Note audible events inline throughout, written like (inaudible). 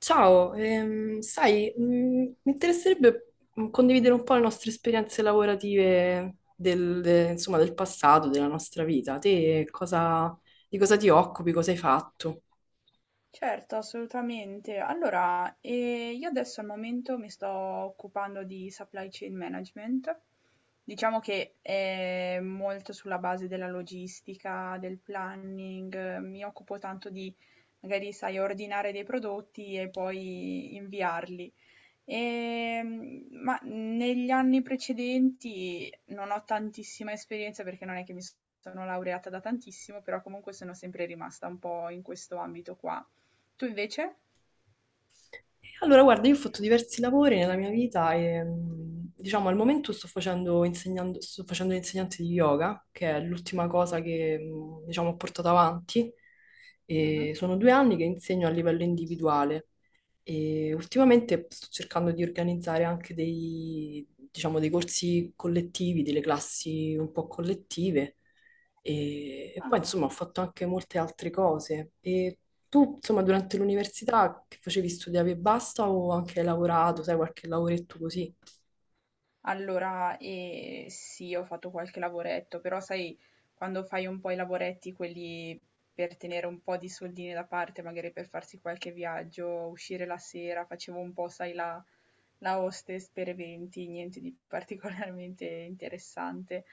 Ciao, sai, mi interesserebbe condividere un po' le nostre esperienze lavorative insomma, del passato, della nostra vita. Di cosa ti occupi, cosa hai fatto? Certo, assolutamente. Allora, io adesso al momento mi sto occupando di supply chain management. Diciamo che è molto sulla base della logistica, del planning, mi occupo tanto di, magari, sai, ordinare dei prodotti e poi inviarli. Ma negli anni precedenti non ho tantissima esperienza perché non è che mi sono laureata da tantissimo, però comunque sono sempre rimasta un po' in questo ambito qua. Tu invece? E allora, guarda, io ho fatto diversi lavori nella mia vita e, diciamo, al momento insegnando, sto facendo l'insegnante di yoga, che è l'ultima cosa che, diciamo, ho portato avanti. Mh-mh. E sono due anni che insegno a livello individuale. E ultimamente sto cercando di organizzare anche diciamo, dei corsi collettivi, delle classi un po' collettive. E poi, Ah. insomma, ho fatto anche molte altre cose. E tu, insomma, durante l'università che facevi studiavi e basta o anche hai lavorato, sai, qualche lavoretto così? Allora, sì, ho fatto qualche lavoretto, però sai quando fai un po' i lavoretti quelli per tenere un po' di soldini da parte, magari per farsi qualche viaggio, uscire la sera, facevo un po', sai, la hostess per eventi, niente di (laughs) particolarmente interessante.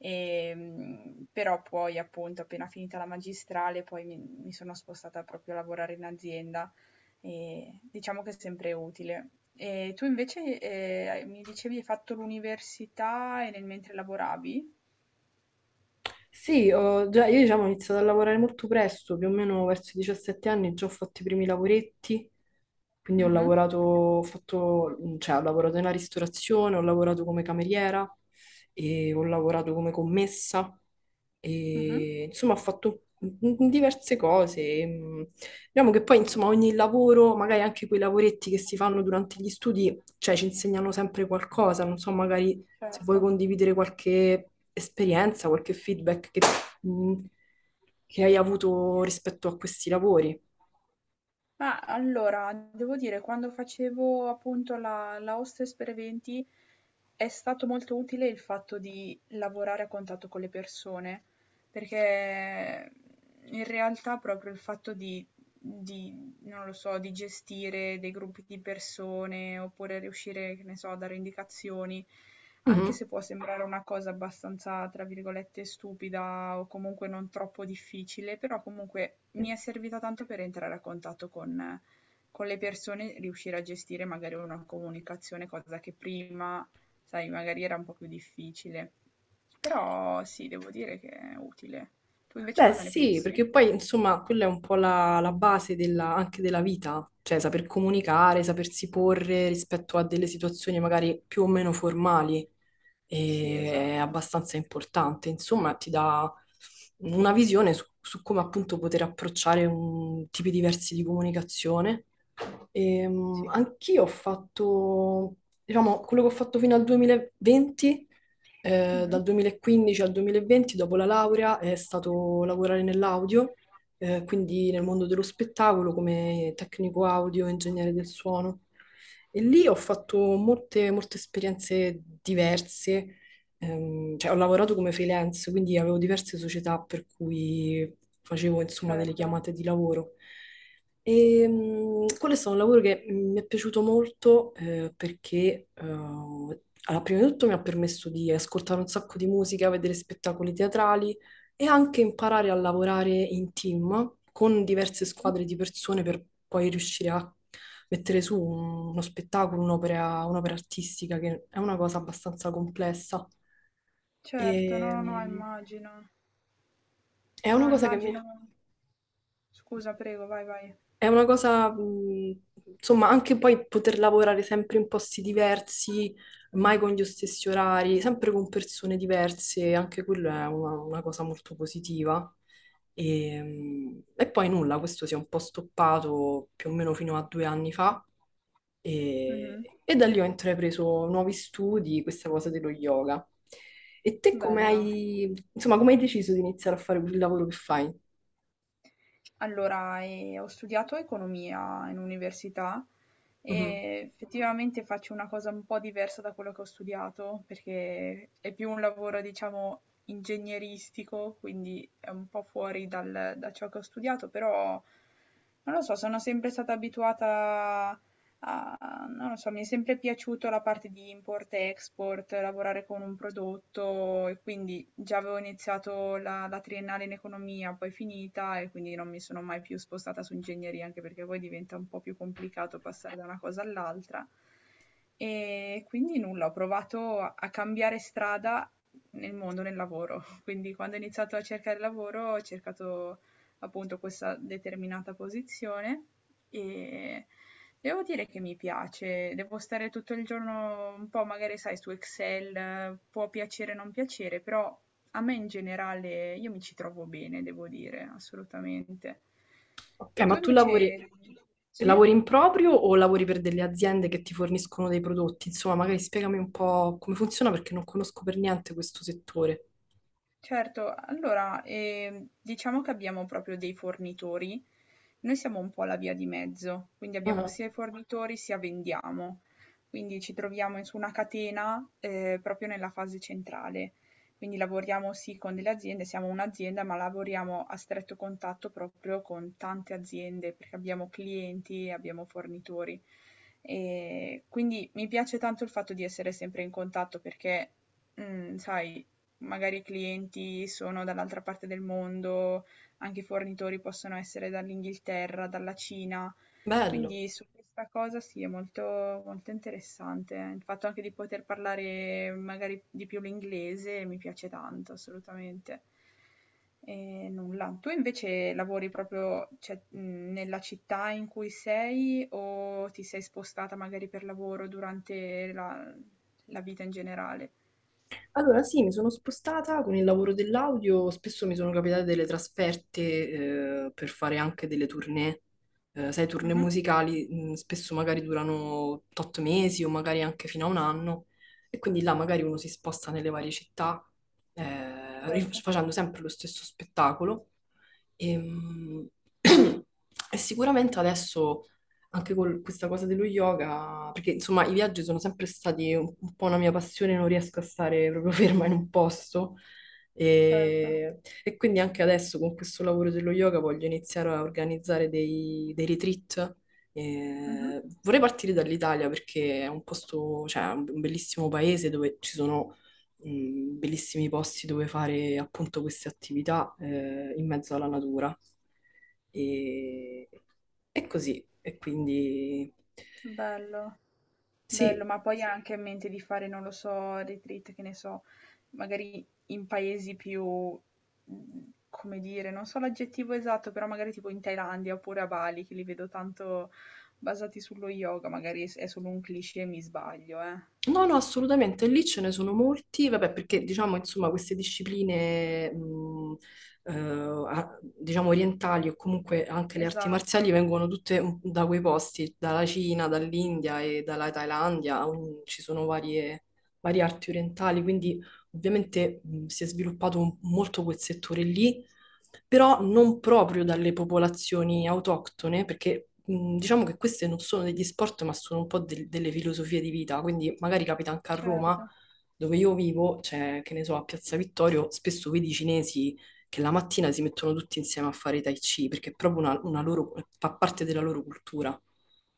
Però poi appunto appena finita la magistrale poi mi sono spostata proprio a lavorare in azienda e diciamo che è sempre utile. E tu invece, mi dicevi hai fatto l'università e nel mentre lavoravi? Sì, io diciamo, ho iniziato a lavorare molto presto, più o meno verso i 17 anni, già ho fatto i primi lavoretti, quindi ho Mh-mh, lavorato, cioè, ho lavorato nella ristorazione, ho lavorato come cameriera, e ho lavorato come commessa, mh-mh, e insomma ho fatto diverse cose. Mm. Diciamo che poi insomma ogni lavoro, magari anche quei lavoretti che si fanno durante gli studi, cioè ci insegnano sempre qualcosa, non so, magari se vuoi certo. condividere qualche esperienza, qualche feedback mh, che hai avuto rispetto a questi lavori. Ma allora, devo dire, quando facevo appunto la hostess per eventi, è stato molto utile il fatto di lavorare a contatto con le persone, perché in realtà proprio il fatto di non lo so, di gestire dei gruppi di persone oppure riuscire, che ne so, a dare indicazioni, anche Mhm. se può sembrare una cosa abbastanza, tra virgolette, stupida o comunque non troppo difficile, però comunque mi è servita tanto per entrare a contatto con le persone, riuscire a gestire magari una comunicazione, cosa che prima, sai, magari era un po' più difficile. Però sì, devo dire che è utile. Tu invece Beh, cosa ne sì, pensi? perché poi insomma quella è un po' la base anche della vita, cioè saper comunicare, sapersi porre rispetto a delle situazioni magari più o meno formali Sì, è esatto. abbastanza importante, insomma ti dà una visione su come appunto poter approcciare tipi diversi di comunicazione. Sì. Anch'io ho fatto, diciamo, quello che ho fatto fino al 2020, Mhm. dal 2015 al 2020, dopo la laurea, è stato lavorare nell'audio, quindi nel mondo dello spettacolo come tecnico audio, ingegnere del suono. E lì ho fatto molte, molte esperienze diverse, cioè ho lavorato come freelance, quindi avevo diverse società per cui facevo insomma delle Certo. chiamate di lavoro. Quello è stato un lavoro che mi è piaciuto molto perché allora, prima di tutto mi ha permesso di ascoltare un sacco di musica, vedere spettacoli teatrali e anche imparare a lavorare in team con diverse Mh-mh. squadre di persone per poi riuscire a mettere su uno spettacolo, un'opera, un'opera artistica, che è una cosa abbastanza complessa. E, Certo, no, no, no, mh, immagino. è una No, cosa immagino, scusa, prego, vai, vai. è una cosa, insomma, anche poi poter lavorare sempre in posti diversi, mai con gli stessi orari, sempre con persone diverse, anche quello è una cosa molto positiva. E poi nulla, questo si è un po' stoppato più o meno fino a due anni fa Mh-mh. e da lì ho intrapreso nuovi studi, questa cosa dello yoga. E te come Bello. hai, insomma, come hai deciso di iniziare a fare il lavoro che fai? Allora, ho studiato economia in università e effettivamente faccio una cosa un po' diversa da quello che ho studiato, perché è più un lavoro, diciamo, ingegneristico, quindi è un po' fuori dal da ciò che ho studiato, però non lo so, sono sempre stata abituata a non lo so, mi è sempre piaciuto la parte di import-export, lavorare con un prodotto e quindi già avevo iniziato la, la triennale in economia, poi finita e quindi non mi sono mai più spostata su ingegneria, anche perché poi diventa un po' più complicato passare da una cosa all'altra. E quindi nulla, ho provato a cambiare strada nel mondo, nel lavoro. (laughs) Quindi quando ho iniziato a cercare lavoro ho cercato appunto questa determinata posizione e devo dire che mi piace, devo stare tutto il giorno un po' magari sai su Excel, può piacere o non piacere, però a me in generale io mi ci trovo bene, devo dire, assolutamente. Ok, E tu ma invece sì? lavori in proprio o lavori per delle aziende che ti forniscono dei prodotti? Insomma, magari spiegami un po' come funziona perché non conosco per niente questo settore. Certo, allora, diciamo che abbiamo proprio dei fornitori. Noi siamo un po' la via di mezzo, quindi abbiamo Ah, sia i fornitori sia vendiamo. Quindi ci troviamo in- su una catena proprio nella fase centrale. Quindi lavoriamo sì con delle aziende, siamo un'azienda, ma lavoriamo a stretto contatto proprio con tante aziende perché abbiamo clienti, abbiamo fornitori. E quindi mi piace tanto il fatto di essere sempre in contatto perché, sai, magari i clienti sono dall'altra parte del mondo, anche i fornitori possono essere dall'Inghilterra, dalla Cina. bello. Quindi su questa cosa sì, è molto, molto interessante. Il fatto anche di poter parlare magari di più l'inglese mi piace tanto, assolutamente. E nulla. Tu invece lavori proprio, cioè, nella città in cui sei o ti sei spostata magari per lavoro durante la, la vita in generale? Allora, sì, mi sono spostata con il lavoro dell'audio, spesso mi sono capitate delle trasferte per fare anche delle tournée. Sai, tournée Mhm. musicali spesso magari durano 8 mesi o magari anche fino a un anno e quindi là magari uno si sposta nelle varie città Certo. facendo sempre lo stesso spettacolo. E, mh, (clears throat) e sicuramente adesso anche con questa cosa dello yoga, perché insomma i viaggi sono sempre stati un po' una mia passione, non riesco a stare proprio (laughs) ferma in un posto. Certo. E quindi anche adesso con questo lavoro dello yoga voglio iniziare a organizzare dei retreat. Mh-mh. Vorrei partire dall'Italia perché è un posto, cioè è un bellissimo paese dove ci sono bellissimi posti dove fare appunto queste attività in mezzo alla natura. E, e così, e quindi Bello. Bello, sì, ma poi ha anche in mente di fare, non lo so, retreat, che ne so, magari in paesi più, come dire, non so l'aggettivo esatto, però magari tipo in Thailandia oppure a Bali, che li vedo tanto basati sullo yoga, magari s è solo un cliché e mi sbaglio, eh. No, no, assolutamente. Lì ce ne sono molti, vabbè, perché diciamo, insomma, queste discipline, diciamo, orientali o comunque anche le arti Esatto, marziali vengono tutte da quei posti, dalla Cina, dall'India e dalla Thailandia, ci sono varie arti orientali, quindi ovviamente si è sviluppato molto quel settore lì, però non proprio dalle popolazioni autoctone, perché diciamo che queste non sono degli sport, ma sono un po' delle filosofie di vita, quindi magari capita anche a Roma, certo, dove io vivo, cioè, che ne so, a Piazza Vittorio, spesso vedi i cinesi che la mattina si mettono tutti insieme a fare Tai Chi, perché è proprio una loro, fa parte della loro cultura.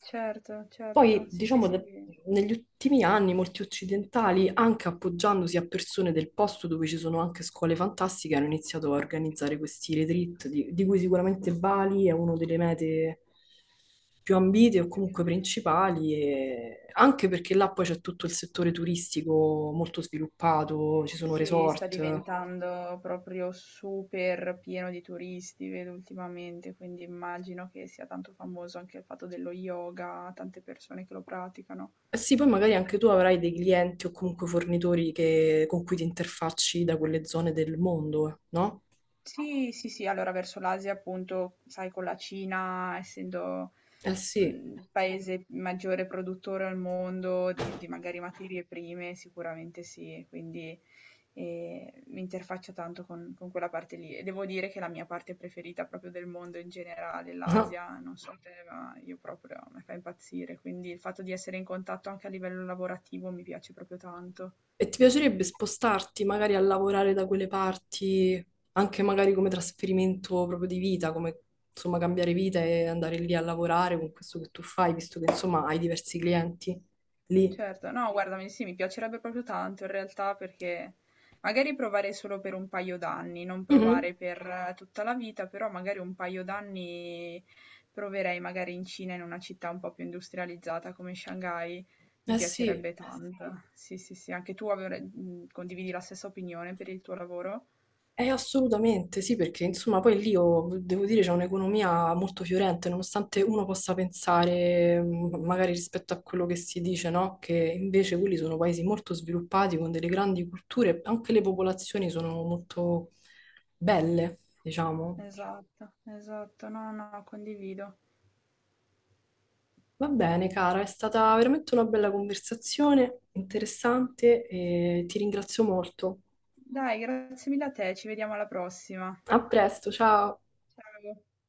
certo, certo. Poi, Sì, sì, sì. Negli ultimi anni molti occidentali, anche appoggiandosi a persone del posto dove ci sono anche scuole fantastiche, hanno iniziato a organizzare questi retreat, di cui sicuramente Bali è una delle mete più ambite o Sì. comunque principali, anche perché là poi c'è tutto il settore turistico molto sviluppato, ci sono Sì, sta resort. diventando proprio super pieno di turisti, vedo ultimamente, quindi immagino che sia tanto famoso anche il fatto dello yoga, tante persone che lo praticano. Eh sì, poi magari anche tu avrai dei clienti o comunque fornitori con cui ti interfacci da quelle zone del mondo, no? Sì, sì, sì, allora verso l'Asia appunto, sai, con la Cina, essendo Eh sì. Il paese maggiore produttore al mondo di magari materie prime, sicuramente sì, quindi, mi interfaccio tanto con quella parte lì e devo dire che è la mia parte preferita proprio del mondo in generale, (laughs) l'Asia, non so te, ma io proprio mi fa impazzire, quindi il fatto di essere in contatto anche a livello lavorativo mi piace proprio tanto. E ti piacerebbe spostarti magari a lavorare da quelle parti, anche magari come trasferimento proprio di vita, come insomma cambiare vita e andare lì a lavorare con questo che tu fai, visto che insomma hai diversi clienti lì. Certo, no guarda, mi sì, mi piacerebbe proprio tanto in realtà perché magari provare solo per un paio d'anni, non Mhm. provare per tutta la vita, però magari un paio d'anni proverei magari in Cina, in una città un po' più industrializzata come Shanghai, mi Eh sì. piacerebbe Eh sì. tanto. Sì, sì, sì, anche tu avre- condividi la stessa opinione per il tuo lavoro? Assolutamente sì, perché insomma poi lì io devo dire c'è un'economia molto fiorente, nonostante uno possa pensare magari rispetto a quello che si dice, no? Che invece quelli sono paesi molto sviluppati con delle grandi culture, anche le popolazioni sono molto belle, diciamo. Esatto, esatto, no, no, condivido. Va bene, cara, è stata veramente una bella conversazione, interessante e ti ringrazio molto. Dai, grazie mille a te, ci vediamo alla prossima. A presto, ciao! Ciao.